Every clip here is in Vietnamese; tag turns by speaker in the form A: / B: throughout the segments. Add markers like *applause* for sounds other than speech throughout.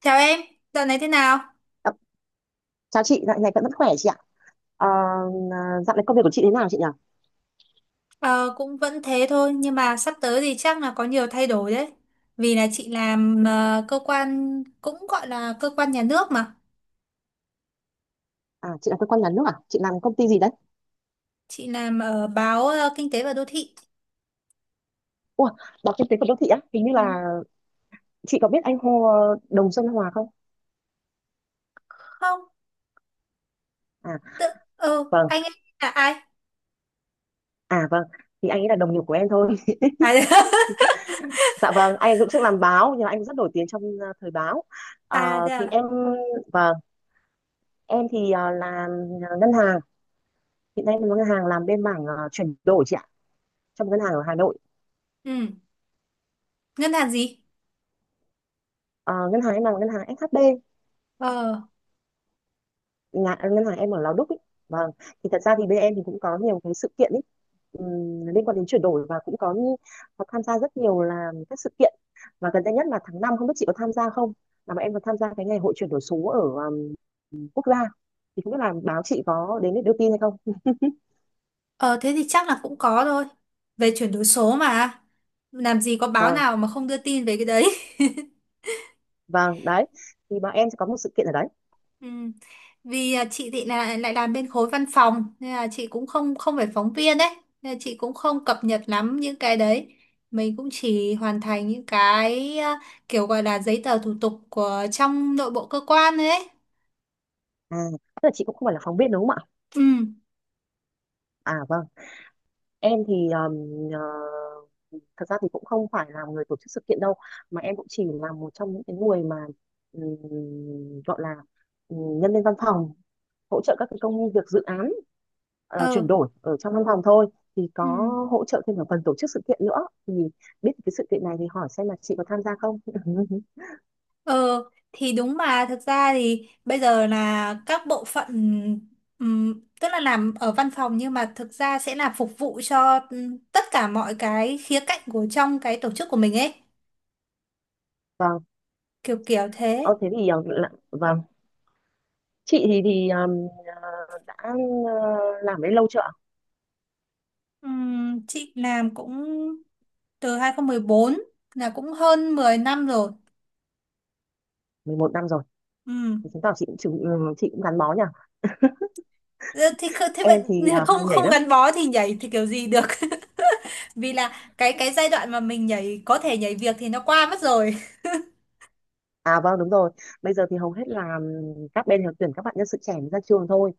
A: Chào em, dạo này thế nào?
B: Ờ, Chào chị, dạo này vẫn vẫn khỏe chị ạ. Ờ, à, Dạo này công việc của chị thế nào chị nhỉ?
A: Ờ, cũng vẫn thế thôi, nhưng mà sắp tới thì chắc là có nhiều thay đổi đấy. Vì là chị làm cơ quan, cũng gọi là cơ quan nhà nước mà.
B: À, chị làm cơ quan nhà nước à? Chị làm công ty gì đấy?
A: Chị làm ở báo Kinh tế và Đô thị.
B: Ủa, báo kinh tế của đô thị á? Hình như
A: Ừ.
B: là chị có biết anh Hồ Đồng Xuân Hòa không?
A: Không,
B: À,
A: tự,
B: vâng.
A: anh ấy là ai?
B: À, vâng. Thì anh ấy là đồng nghiệp của em thôi. *laughs*
A: À. *laughs*
B: Dạ vâng, anh ấy cũng trước làm báo, nhưng mà anh ấy rất nổi tiếng trong thời báo.
A: À thế
B: Thì
A: à?
B: em, vâng, em thì làm ngân hàng. Hiện nay em làm ngân hàng, làm bên mảng chuyển đổi chị ạ, trong ngân hàng ở Hà Nội.
A: Ừ, ngân hàng gì?
B: Ờ, Ngân hàng em làm ngân hàng SHB.
A: Ờ,
B: Nhà ngân hàng em ở Lò Đúc ấy. Vâng, thì thật ra thì bên em thì cũng có nhiều cái sự kiện ấy, liên quan đến chuyển đổi và cũng có, như có tham gia rất nhiều là các sự kiện. Và gần đây nhất là tháng năm, không biết chị có tham gia không, là bọn em có tham gia cái ngày hội chuyển đổi số ở quốc gia. Thì không biết là báo chị có đến để đưa tin hay không.
A: ờ, thế thì chắc là cũng có thôi. Về chuyển đổi số mà. Làm gì có báo
B: Vâng,
A: nào mà không đưa tin về cái đấy.
B: vâng đấy, thì bọn em sẽ có một sự kiện ở đấy.
A: Ừ. Vì chị thì là lại làm bên khối văn phòng, nên là chị cũng không không phải phóng viên đấy, nên là chị cũng không cập nhật lắm những cái đấy, mình cũng chỉ hoàn thành những cái kiểu gọi là giấy tờ thủ tục của trong nội bộ cơ quan đấy.
B: À, tức là chị cũng không phải là phóng viên đúng không ạ?
A: Ừ.
B: À vâng, em thì thật ra thì cũng không phải là người tổ chức sự kiện đâu, mà em cũng chỉ là một trong những cái người mà ừm, gọi là nhân viên văn phòng, hỗ trợ các cái công việc dự án
A: Ờ.
B: chuyển đổi ở trong văn phòng thôi. Thì có
A: Ừ.
B: hỗ trợ thêm ở phần tổ chức sự kiện nữa, thì biết cái sự kiện này thì hỏi xem là chị có tham gia không. *laughs*
A: Ờ, thì đúng mà, thực ra thì bây giờ là các bộ phận, tức là làm ở văn phòng nhưng mà thực ra sẽ là phục vụ cho tất cả mọi cái khía cạnh của trong cái tổ chức của mình ấy,
B: Vâng.
A: kiểu kiểu thế.
B: Ờ, Thế thì vâng, chị thì ờ, đã làm đấy lâu chưa ạ?
A: Chị làm cũng từ 2014, là cũng hơn 10 năm rồi.
B: 11 năm rồi. Thì
A: Ừm.
B: chứng tỏ chị cũng gắn bó nhỉ.
A: Ờ, thì thế bạn,
B: Em thì
A: không
B: hay nhảy
A: không
B: lắm.
A: gắn bó thì nhảy thì kiểu gì được. *laughs* Vì là cái giai đoạn mà mình nhảy có thể nhảy việc thì nó qua mất rồi.
B: À vâng, đúng rồi. Bây giờ thì hầu hết là các bên đều tuyển các bạn nhân sự trẻ mới ra trường thôi,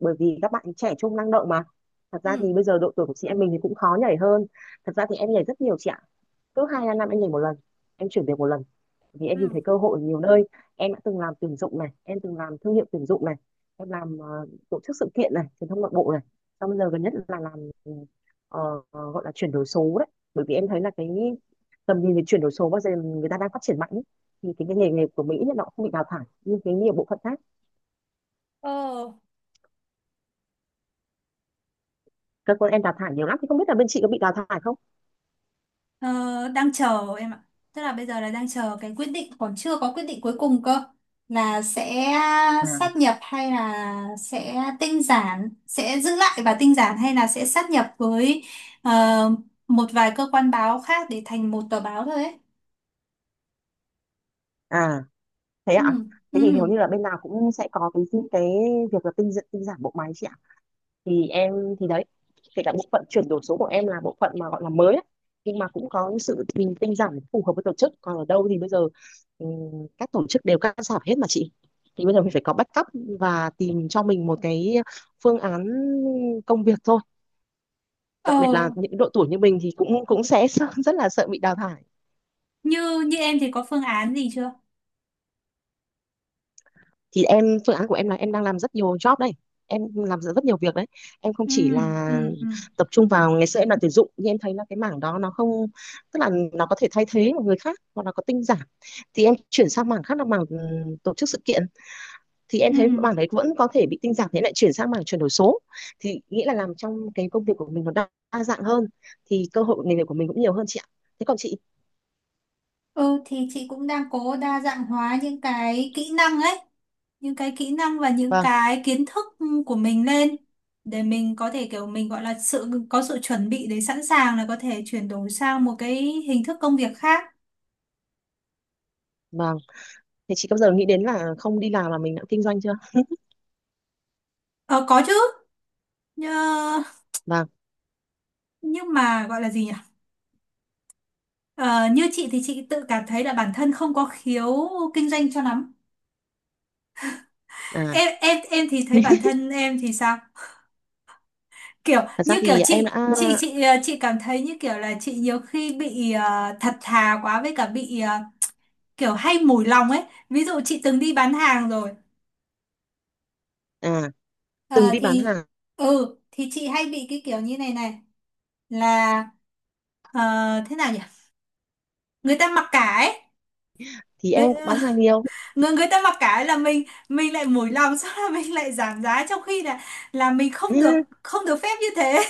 B: bởi vì các bạn trẻ trung năng động mà. Thật ra thì
A: Ừm.
B: bây giờ độ tuổi của chị em mình thì cũng khó nhảy hơn. Thật ra thì em nhảy rất nhiều chị ạ. Cứ hai ba năm em nhảy một lần, em chuyển việc một lần, vì em nhìn
A: Ừm.
B: thấy cơ hội ở nhiều nơi. Em đã từng làm tuyển dụng này, em từng làm thương hiệu tuyển dụng này, em làm tổ chức sự kiện này, truyền thông nội bộ này. Xong bây giờ gần nhất là làm gọi là chuyển đổi số đấy. Bởi vì em thấy là cái tầm nhìn về chuyển đổi số bao giờ người ta đang phát triển mạnh ý. Thì cái nghề nghề của Mỹ nó cũng không bị đào thải, nhưng cái nhiều bộ phận khác
A: Ờ.
B: cơ quan em đào thải nhiều lắm. Thì không biết là bên chị có bị đào thải không?
A: Ờ, đang chờ em ạ. Tức là bây giờ là đang chờ cái quyết định, còn chưa có quyết định cuối cùng cơ, là sẽ
B: À,
A: sát nhập hay là sẽ tinh giản, sẽ giữ lại và tinh giản, hay là sẽ sát nhập với ờ, một vài cơ quan báo khác để thành một tờ báo thôi ấy.
B: à thế
A: Ừ,
B: ạ. Thế thì hầu
A: ừ.
B: như là bên nào cũng sẽ có cái việc là tinh tinh giản bộ máy chị ạ. Thì em, thì đấy, kể cả bộ phận chuyển đổi số của em là bộ phận mà gọi là mới ấy, nhưng mà cũng có sự mình tinh giản phù hợp với tổ chức. Còn ở đâu thì bây giờ các tổ chức đều cắt giảm hết mà chị. Thì bây giờ mình phải có backup và tìm cho mình một cái phương án công việc thôi. Đặc biệt
A: Ờ,
B: là những độ tuổi như mình thì cũng cũng sẽ *laughs* rất là sợ bị đào thải.
A: như như em thì có phương án gì chưa?
B: Thì em, phương án của em là em đang làm rất nhiều job đây. Em làm rất rất nhiều việc đấy. Em không
A: Ừ,
B: chỉ
A: ừ,
B: là
A: ừ.
B: tập trung vào, ngày xưa em làm tuyển dụng nhưng em thấy là cái mảng đó nó không, tức là nó có thể thay thế một người khác hoặc là có tinh giản. Thì em chuyển sang mảng khác là mảng tổ chức sự kiện, thì em
A: Ừ.
B: thấy mảng đấy vẫn có thể bị tinh giản, thế lại chuyển sang mảng chuyển đổi số. Thì nghĩa là làm trong cái công việc của mình nó đa dạng hơn, thì cơ hội nghề nghiệp của mình cũng nhiều hơn chị ạ. Thế còn chị?
A: Ừ, thì chị cũng đang cố đa dạng hóa những cái kỹ năng ấy, những cái kỹ năng và những
B: Vâng,
A: cái kiến thức của mình lên, để mình có thể kiểu mình gọi là sự có sự chuẩn bị để sẵn sàng là có thể chuyển đổi sang một cái hình thức công việc khác.
B: vâng. Thế chị có bao giờ nghĩ đến là không đi làm mà mình đã kinh doanh chưa?
A: Ờ, có chứ, nhưng,
B: Vâng.
A: nhưng mà gọi là gì nhỉ, ờ, như chị thì chị tự cảm thấy là bản thân không có khiếu kinh doanh cho lắm.
B: À,
A: Em thì thấy bản thân em thì sao? Kiểu
B: thật ra
A: như kiểu
B: thì em đã,
A: chị cảm thấy như kiểu là chị nhiều khi bị thật thà quá, với cả bị kiểu hay mùi lòng ấy. Ví dụ chị từng đi bán hàng rồi.
B: dạ, à, từng
A: Ờ,
B: đi bán
A: thì
B: hàng,
A: ừ, thì chị hay bị cái kiểu như này này, là ờ, thế nào nhỉ, người ta mặc cả ấy.
B: thì
A: người,
B: em cũng bán
A: *laughs*
B: hàng nhiều.
A: người người ta mặc cả ấy là mình lại mùi lòng, *laughs* sau là mình lại giảm giá, trong khi là mình không được
B: *laughs*
A: không được phép như thế.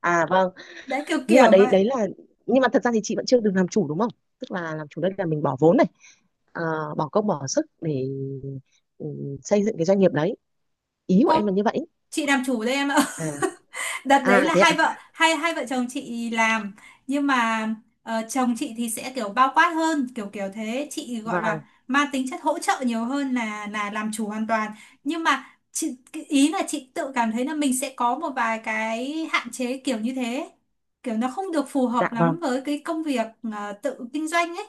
B: À vâng.
A: *laughs* Đấy, kiểu
B: nhưng mà
A: kiểu
B: đấy
A: vậy.
B: đấy là Nhưng mà thật ra thì chị vẫn chưa được làm chủ đúng không? Tức là làm chủ đây là mình bỏ vốn này, à, bỏ công bỏ sức để, ừ, xây dựng cái doanh nghiệp đấy. Ý của
A: Không,
B: em là như vậy.
A: chị làm chủ đây em ạ.
B: À,
A: *laughs* Đợt đấy
B: à
A: là
B: thế
A: hai
B: ạ.
A: vợ hai hai vợ chồng chị làm, nhưng mà chồng chị thì sẽ kiểu bao quát hơn, kiểu kiểu thế, chị gọi là
B: Vâng.
A: mang tính chất hỗ trợ nhiều hơn là làm chủ hoàn toàn. Nhưng mà cái ý là chị tự cảm thấy là mình sẽ có một vài cái hạn chế kiểu như thế, kiểu nó không được phù
B: Dạ
A: hợp
B: vâng,
A: lắm với cái công việc tự kinh doanh ấy.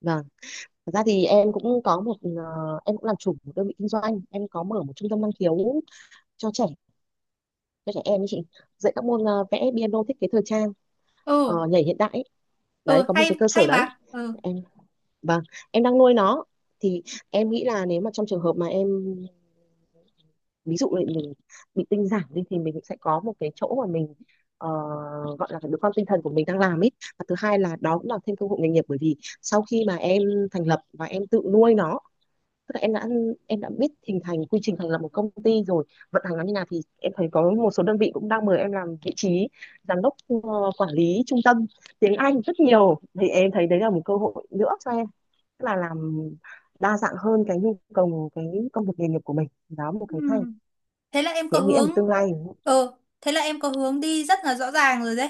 B: vâng. Thật ra thì em cũng có một ờ, em cũng làm chủ một đơn vị kinh doanh, em có mở một trung tâm năng khiếu cho trẻ, cho trẻ em ấy chị. Dạy các môn vẽ, piano, thiết kế thời trang,
A: Ừ.
B: nhảy hiện đại ấy. Đấy,
A: Ừ
B: có một
A: hay
B: cái cơ sở
A: hay
B: đấy.
A: mà. Ừ.
B: Em, vâng, em đang nuôi nó. Thì em nghĩ là nếu mà trong trường hợp mà em, ví dụ là mình bị tinh giản đi, thì mình sẽ có một cái chỗ mà mình ờ, gọi là đứa con tinh thần của mình đang làm ấy. Và thứ hai là đó cũng là thêm cơ hội nghề nghiệp, bởi vì sau khi mà em thành lập và em tự nuôi nó, tức là em đã, em đã biết hình thành quy trình thành lập một công ty rồi, vận hành nó như nào. Thì em thấy có một số đơn vị cũng đang mời em làm vị trí giám đốc, quản lý trung tâm tiếng Anh rất nhiều. Thì em thấy đấy là một cơ hội nữa cho em, tức là làm đa dạng hơn cái nhu cầu, cái công việc nghề nghiệp của mình. Đó một
A: Ừ,
B: cái hay.
A: thế là em có
B: Thì em nghĩ là một
A: hướng.
B: tương lai.
A: Ừ, thế là em có hướng đi rất là rõ ràng rồi đấy.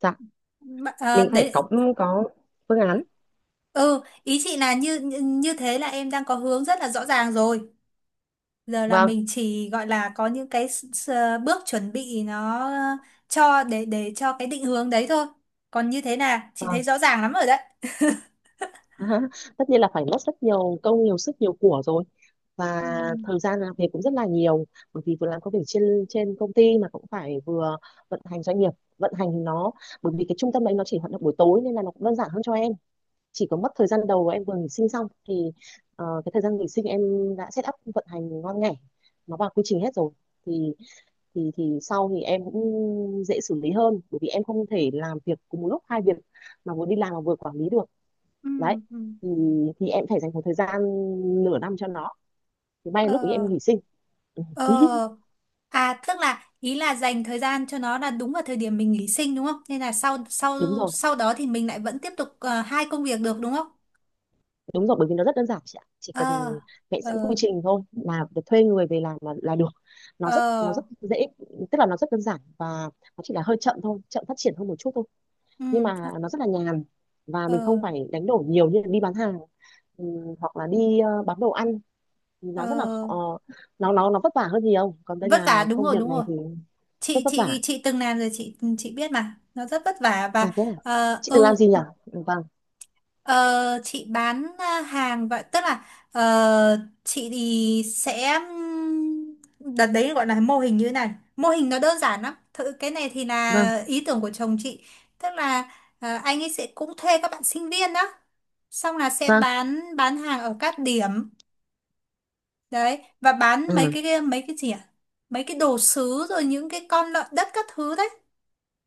B: Dạ, mình phải
A: Đấy.
B: có, có phương án.
A: Ừ, ý chị là như như như thế là em đang có hướng rất là rõ ràng rồi, giờ là
B: Vâng,
A: mình chỉ gọi là có những cái bước chuẩn bị nó, cho để cho cái định hướng đấy thôi, còn như thế là chị thấy
B: vâng.
A: rõ ràng lắm rồi đấy.
B: *laughs* Tất nhiên là phải mất rất nhiều công, nhiều sức, nhiều của rồi. Và
A: Ừ.
B: thời gian làm việc cũng rất là nhiều, bởi vì vừa làm công việc trên, công ty mà cũng phải vừa vận hành doanh nghiệp, vận hành nó. Bởi vì cái trung tâm đấy nó chỉ hoạt động buổi tối nên là nó cũng đơn giản hơn cho em. Chỉ có mất thời gian đầu em vừa nghỉ sinh xong thì cái thời gian nghỉ sinh em đã set up vận hành ngon nghẻ, nó vào quy trình hết rồi. Thì thì thì sau thì em cũng dễ xử lý hơn, bởi vì em không thể làm việc cùng một lúc hai việc, mà vừa đi làm mà vừa quản lý được
A: Ừ.
B: đấy.
A: Ừ.
B: Thì thì em phải dành một thời gian nửa năm cho nó, thì may là lúc ấy
A: Ờ,
B: em nghỉ sinh. *laughs*
A: ờ. À, tức là ý là dành thời gian cho nó là đúng vào thời điểm mình nghỉ sinh đúng không? Nên là sau sau
B: Đúng rồi.
A: sau đó thì mình lại vẫn tiếp tục hai công việc được đúng không?
B: Đúng rồi, bởi vì nó rất đơn giản chị ạ. Chỉ
A: Ờ.
B: cần vẽ sẵn
A: Ờ.
B: quy trình thôi là việc thuê người về làm là được. Nó rất nó
A: Ờ.
B: rất dễ, tức là nó rất đơn giản và nó chỉ là hơi chậm thôi, chậm phát triển hơn một chút thôi.
A: Ừ.
B: Nhưng mà nó rất là nhàn, và mình không
A: Ờ.
B: phải đánh đổi nhiều như đi bán hàng, hoặc là đi bán đồ ăn. Nó rất là
A: Ờ.
B: khó, nó vất vả hơn nhiều. Còn đây
A: Vất
B: là
A: vả đúng
B: công
A: rồi,
B: việc
A: đúng
B: này
A: rồi.
B: thì
A: Chị
B: rất vất vả.
A: chị chị từng làm rồi, chị biết mà. Nó rất vất vả
B: À
A: và
B: thế à?
A: ờ.
B: Chị từng
A: Ừ.
B: làm gì nhỉ? Ừ. Vâng,
A: Ờ, chị bán hàng vậy, tức là ờ, chị thì sẽ đợt đấy gọi là mô hình như thế này, mô hình nó đơn giản lắm, thử cái này thì
B: vâng,
A: là ý tưởng của chồng chị, tức là anh ấy sẽ cũng thuê các bạn sinh viên đó, xong là sẽ
B: vâng.
A: bán hàng ở các điểm đấy, và bán mấy
B: Ừ.
A: cái mấy cái gì ạ, mấy cái đồ sứ rồi những cái con lợn đất các thứ đấy.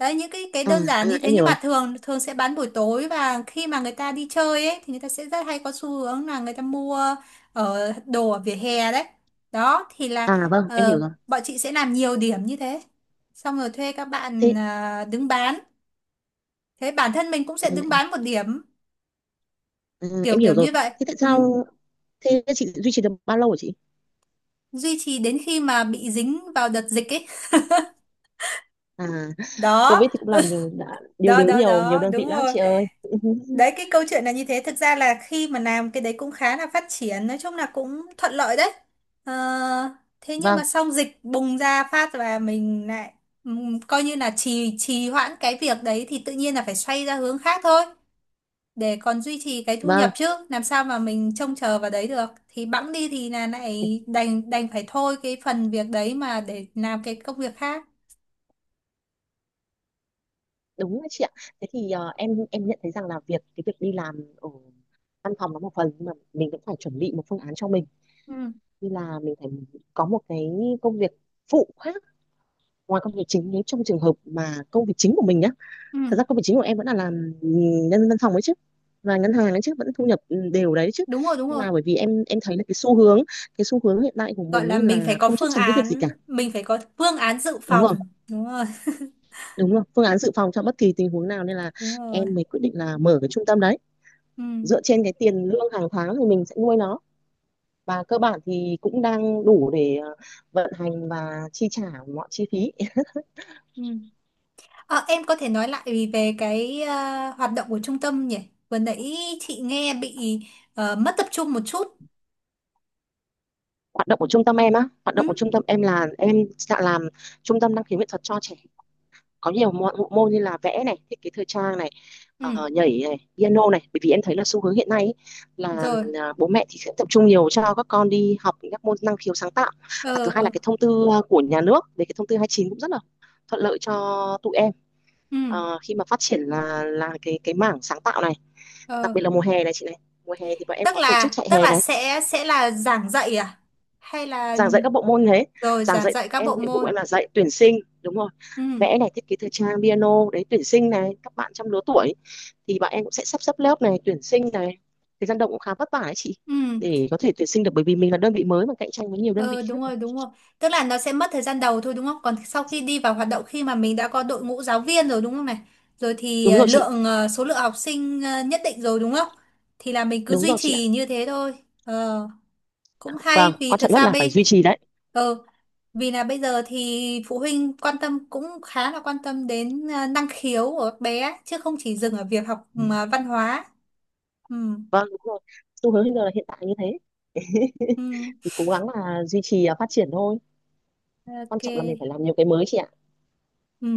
A: Đấy, những cái
B: À,
A: đơn
B: à
A: giản như thế,
B: em
A: nhưng
B: hiểu rồi.
A: mà thường thường sẽ bán buổi tối, và khi mà người ta đi chơi ấy thì người ta sẽ rất hay có xu hướng là người ta mua ở đồ ở vỉa hè đấy. Đó thì là
B: À vâng, em
A: ờ,
B: hiểu rồi.
A: bọn chị sẽ làm nhiều điểm như thế. Xong rồi thuê các bạn
B: Thế
A: đứng bán. Thế bản thân mình cũng sẽ đứng
B: ừ,
A: bán một điểm,
B: ừ, em
A: kiểu
B: hiểu
A: kiểu
B: rồi.
A: như vậy.
B: Thế tại
A: Ừ.
B: sao, thế chị duy trì được bao lâu hả chị?
A: Duy trì đến khi mà bị dính vào đợt dịch ấy.
B: À,
A: Đó,
B: Covid thì cũng làm nhiều đã điều
A: đó,
B: đứng
A: đó,
B: nhiều,
A: đó,
B: đơn vị
A: đúng
B: lắm
A: rồi.
B: chị ơi. *laughs*
A: Đấy, cái câu chuyện là như thế, thực ra là khi mà làm cái đấy cũng khá là phát triển, nói chung là cũng thuận lợi đấy, ờ, thế nhưng mà
B: Vâng,
A: xong dịch bùng ra phát và mình lại coi như là trì trì hoãn cái việc đấy, thì tự nhiên là phải xoay ra hướng khác thôi, để còn duy trì cái thu
B: vâng,
A: nhập, chứ làm sao mà mình trông chờ vào đấy được, thì bẵng đi thì là lại đành đành phải thôi cái phần việc đấy mà để làm cái công việc khác.
B: đúng đấy chị ạ. Thế thì em nhận thấy rằng là cái việc đi làm ở văn phòng nó một phần, nhưng mà mình cũng phải chuẩn bị một phương án cho mình,
A: Ừ,
B: như là mình phải có một cái công việc phụ khác ngoài công việc chính, nếu trong trường hợp mà công việc chính của mình nhá.
A: ừ.
B: Thật ra công việc chính của em vẫn là làm nhân văn phòng ấy chứ, và ngân hàng ấy chứ, vẫn thu nhập đều đấy chứ.
A: Đúng rồi, đúng
B: Nhưng
A: rồi.
B: mà bởi vì em thấy là cái xu hướng hiện tại của
A: Gọi
B: mình
A: là
B: ấy
A: mình phải
B: là
A: có
B: không chắc
A: phương
B: chắn cái việc gì
A: án
B: cả.
A: mình phải có phương án dự
B: Đúng rồi,
A: phòng đúng rồi. *laughs*
B: đúng rồi, phương án dự phòng cho bất kỳ tình huống nào, nên là
A: Đúng rồi.
B: em mới quyết định là mở cái trung tâm đấy.
A: Ừ.
B: Dựa trên cái tiền lương hàng tháng thì mình sẽ nuôi nó, và cơ bản thì cũng đang đủ để vận hành và chi trả mọi chi phí
A: Ừ. Ờ, em có thể nói lại về cái hoạt động của trung tâm nhỉ, vừa nãy chị nghe bị mất tập trung một chút.
B: hoạt động của trung tâm em á. Hoạt động
A: Ừ.
B: của trung tâm em là em sẽ làm trung tâm năng khiếu nghệ thuật cho trẻ, có nhiều môn như là vẽ này, thiết kế thời trang này,
A: Ừ.
B: nhảy này, piano này. Bởi vì em thấy là xu hướng hiện nay ý, là
A: Rồi.
B: bố mẹ thì sẽ tập trung nhiều cho các con đi học những các môn năng khiếu sáng tạo. Và
A: Ờ.
B: thứ hai là
A: Ờ.
B: cái thông tư của nhà nước, về cái thông tư 29 cũng rất là thuận lợi cho tụi em
A: Ừ.
B: khi mà phát triển là cái mảng sáng tạo này.
A: Ờ.
B: Đặc biệt là mùa hè này chị này, mùa hè thì bọn em
A: tức
B: có tổ chức
A: là
B: chạy
A: tức
B: hè
A: là
B: này,
A: sẽ là giảng dạy, à, hay là,
B: giảng dạy các bộ môn thế.
A: rồi
B: Giảng
A: giảng
B: dạy,
A: dạy các
B: em
A: bộ
B: nhiệm vụ
A: môn.
B: em là dạy tuyển sinh, đúng rồi,
A: Ừ.
B: vẽ này, thiết kế thời trang, piano đấy, tuyển sinh này các bạn trong lứa tuổi, thì bọn em cũng sẽ sắp xếp lớp này, tuyển sinh này. Thời gian động cũng khá vất vả ấy chị,
A: Ừ.
B: để có thể tuyển sinh được, bởi vì mình là đơn vị mới mà cạnh tranh với nhiều đơn vị
A: Ờ,
B: khác
A: đúng
B: mà.
A: rồi, đúng rồi. Tức là nó sẽ mất thời gian đầu thôi đúng không? Còn sau khi đi vào hoạt động, khi mà mình đã có đội ngũ giáo viên rồi đúng không này, rồi thì
B: Đúng rồi chị,
A: số lượng học sinh nhất định rồi đúng không, thì là mình cứ
B: đúng
A: duy
B: rồi chị ạ.
A: trì như thế thôi. Ờ, cũng
B: Vâng,
A: hay, vì
B: quan
A: thực
B: trọng nhất
A: ra
B: là phải duy trì đấy.
A: ờ, vì là bây giờ thì phụ huynh quan tâm cũng khá là quan tâm đến năng khiếu của các bé ấy, chứ không chỉ dừng ở việc học văn hóa. Ừ,
B: Vâng, đúng rồi, xu hướng hiện giờ là hiện tại như thế.
A: ừ,
B: *laughs* Thì cố gắng là duy trì phát triển thôi. Quan
A: ok,
B: trọng là mình phải làm nhiều cái mới chị ạ.
A: ừ.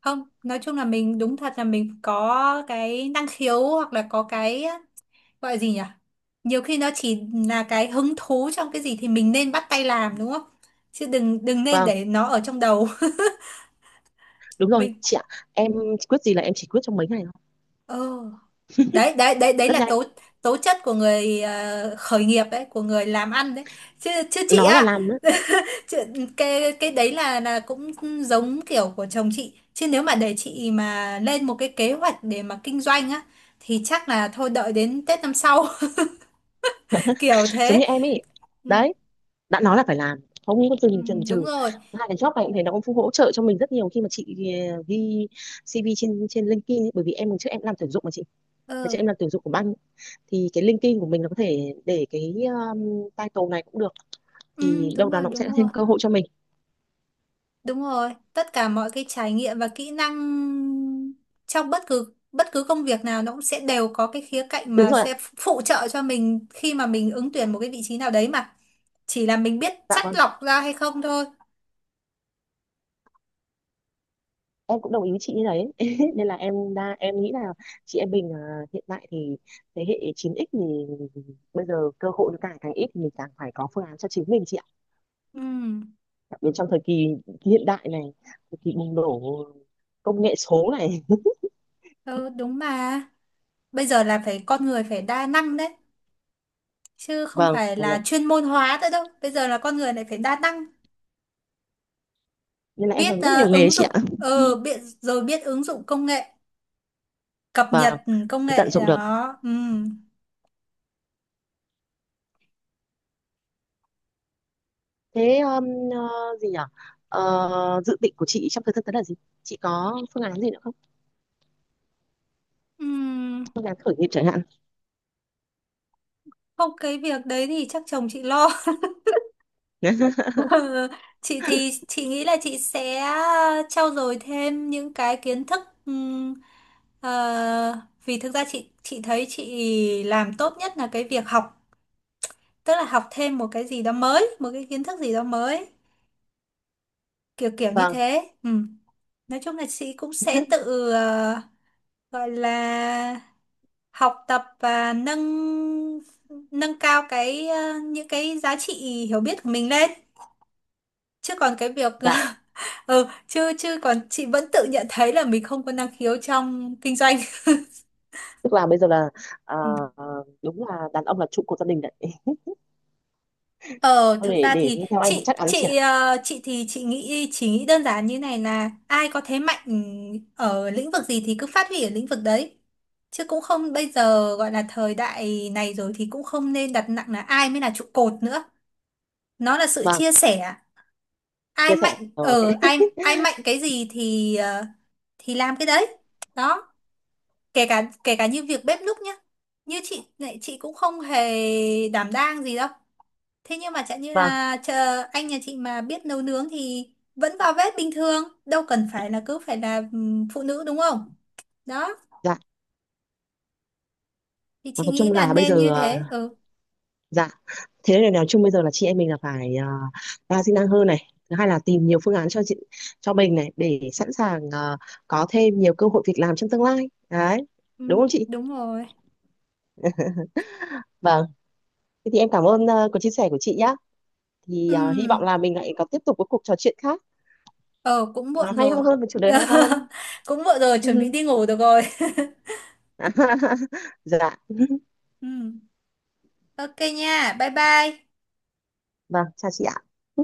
A: Không, nói chung là mình đúng thật là mình có cái năng khiếu hoặc là có cái gọi là gì nhỉ, nhiều khi nó chỉ là cái hứng thú trong cái gì thì mình nên bắt tay làm đúng không, chứ đừng đừng nên
B: Vâng,
A: để nó ở trong đầu.
B: đúng
A: *laughs*
B: rồi
A: Mình.
B: chị ạ. Em quyết gì là em chỉ quyết trong mấy ngày thôi,
A: Ờ. Đấy, đấy, đấy, đấy
B: rất
A: là
B: nhanh,
A: tố tố chất của người khởi nghiệp đấy, của người làm ăn đấy, chứ chứ chị
B: nói là
A: á.
B: làm nữa,
A: *laughs* Cái đấy là cũng giống kiểu của chồng chị, chứ nếu mà để chị mà lên một cái kế hoạch để mà kinh doanh á thì chắc là thôi, đợi đến Tết năm sau. *laughs* Kiểu
B: giống
A: thế.
B: như em ấy
A: Ừ,
B: đấy. Đã nói là phải làm, không có
A: ừ,
B: dừng chần
A: đúng
B: chừ.
A: rồi.
B: Hai cái job này cũng thế, nó cũng hỗ trợ cho mình rất nhiều khi mà chị ghi CV trên trên LinkedIn ấy, bởi vì em trước em làm tuyển dụng mà chị. Ngày trước
A: Ừ,
B: em làm tuyển dụng của banh, thì cái LinkedIn của mình nó có thể để cái title này cũng được,
A: ừ,
B: thì
A: đúng
B: đâu đó
A: rồi,
B: nó cũng sẽ
A: đúng rồi,
B: thêm cơ hội cho mình.
A: đúng rồi, tất cả mọi cái trải nghiệm và kỹ năng trong bất cứ công việc nào nó cũng sẽ đều có cái khía cạnh
B: Đúng
A: mà
B: rồi ạ.
A: sẽ phụ trợ cho mình khi mà mình ứng tuyển một cái vị trí nào đấy mà, chỉ là mình biết
B: Dạ
A: chắt
B: vâng,
A: lọc ra hay không thôi.
B: em cũng đồng ý với chị như đấy. *laughs* Nên là em đa em nghĩ là chị em mình hiện tại thì thế hệ 9x thì bây giờ cơ hội nó càng càng ít, thì mình càng phải có phương án cho chính mình chị ạ.
A: Ừ.
B: Đến trong thời kỳ hiện đại này, thời kỳ bùng nổ công nghệ số này.
A: Ừ, đúng mà. Bây giờ là con người phải đa năng đấy, chứ không
B: vâng
A: phải
B: nên là,
A: là chuyên môn hóa nữa đâu. Bây giờ là con người lại phải đa năng,
B: Nên là em làm
A: biết
B: rất nhiều nghề
A: ứng
B: chị
A: dụng,
B: ạ. *laughs*
A: biết rồi biết ứng dụng công nghệ, cập
B: Vâng,
A: nhật công
B: để tận
A: nghệ
B: dụng được
A: đó. Ừ.
B: thế. Ờ, gì nhỉ Dự định của chị trong thời gian tới là gì, chị có phương án gì nữa không,
A: Ừ.
B: phương án khởi nghiệp chẳng hạn?
A: Không, cái việc đấy thì chắc chồng chị lo.
B: *laughs*
A: *laughs* Ừ, chị thì chị nghĩ là chị sẽ trau dồi thêm những cái kiến thức, ừm, vì thực ra chị thấy chị làm tốt nhất là cái việc học, tức là học thêm một cái gì đó mới, một cái kiến thức gì đó mới, kiểu kiểu như
B: Vâng.
A: thế. Ừ. Nói chung là chị cũng sẽ tự gọi là học tập và nâng nâng cao cái những cái giá trị hiểu biết của mình lên, chứ còn cái việc
B: Dạ,
A: *laughs* ừ, chứ chứ còn chị vẫn tự nhận thấy là mình không có năng khiếu trong kinh doanh. *laughs*
B: tức là bây giờ là, ờ,
A: Ừ.
B: đúng là đàn ông là trụ cột gia đình đấy.
A: Ờ,
B: Thôi
A: thực
B: để
A: ra
B: để
A: thì
B: nghe theo anh cũng
A: chị
B: chắc chắn chị ạ.
A: chị ờ, chị thì chị nghĩ chỉ nghĩ đơn giản như này, là ai có thế mạnh ở lĩnh vực gì thì cứ phát huy ở lĩnh vực đấy. Chứ cũng không, bây giờ gọi là thời đại này rồi thì cũng không nên đặt nặng là ai mới là trụ cột nữa. Nó là sự
B: Vâng,
A: chia sẻ. Ai
B: chia sẻ.
A: mạnh
B: Ờ, ok.
A: ở ai ai mạnh cái gì thì thì làm cái đấy. Đó, kể cả như việc bếp núc nhá. Như chị này, chị cũng không hề đảm đang gì đâu, thế nhưng mà chẳng như
B: Vâng.
A: là chờ anh nhà chị mà biết nấu nướng thì vẫn vào bếp bình thường, đâu cần phải là cứ phải là phụ nữ đúng không? Đó,
B: Dạ.
A: thì
B: Và
A: chị
B: nói
A: nghĩ
B: chung
A: là
B: là bây giờ
A: nên như thế. Ừ,
B: dạ, thế nên là nói chung bây giờ là chị em mình là phải, đa di năng hơn này, thứ hai là tìm nhiều phương án cho chị cho mình này, để sẵn sàng có thêm nhiều cơ hội việc làm trong tương lai. Đấy,
A: ừ,
B: đúng không chị?
A: đúng rồi.
B: Vâng, thế thì em cảm ơn cuộc chia sẻ của chị nhá. Thì
A: Ừ,
B: hy vọng là mình lại có tiếp tục cái cuộc trò chuyện khác
A: ờ cũng
B: nó
A: muộn
B: hay ho
A: rồi.
B: hơn, và chủ đề hay ho hơn.
A: *laughs* Cũng muộn rồi, chuẩn bị đi ngủ được rồi. *laughs*
B: *laughs* Dạ,
A: Ừ, ok nha, bye bye.
B: vâng, chào chị ạ.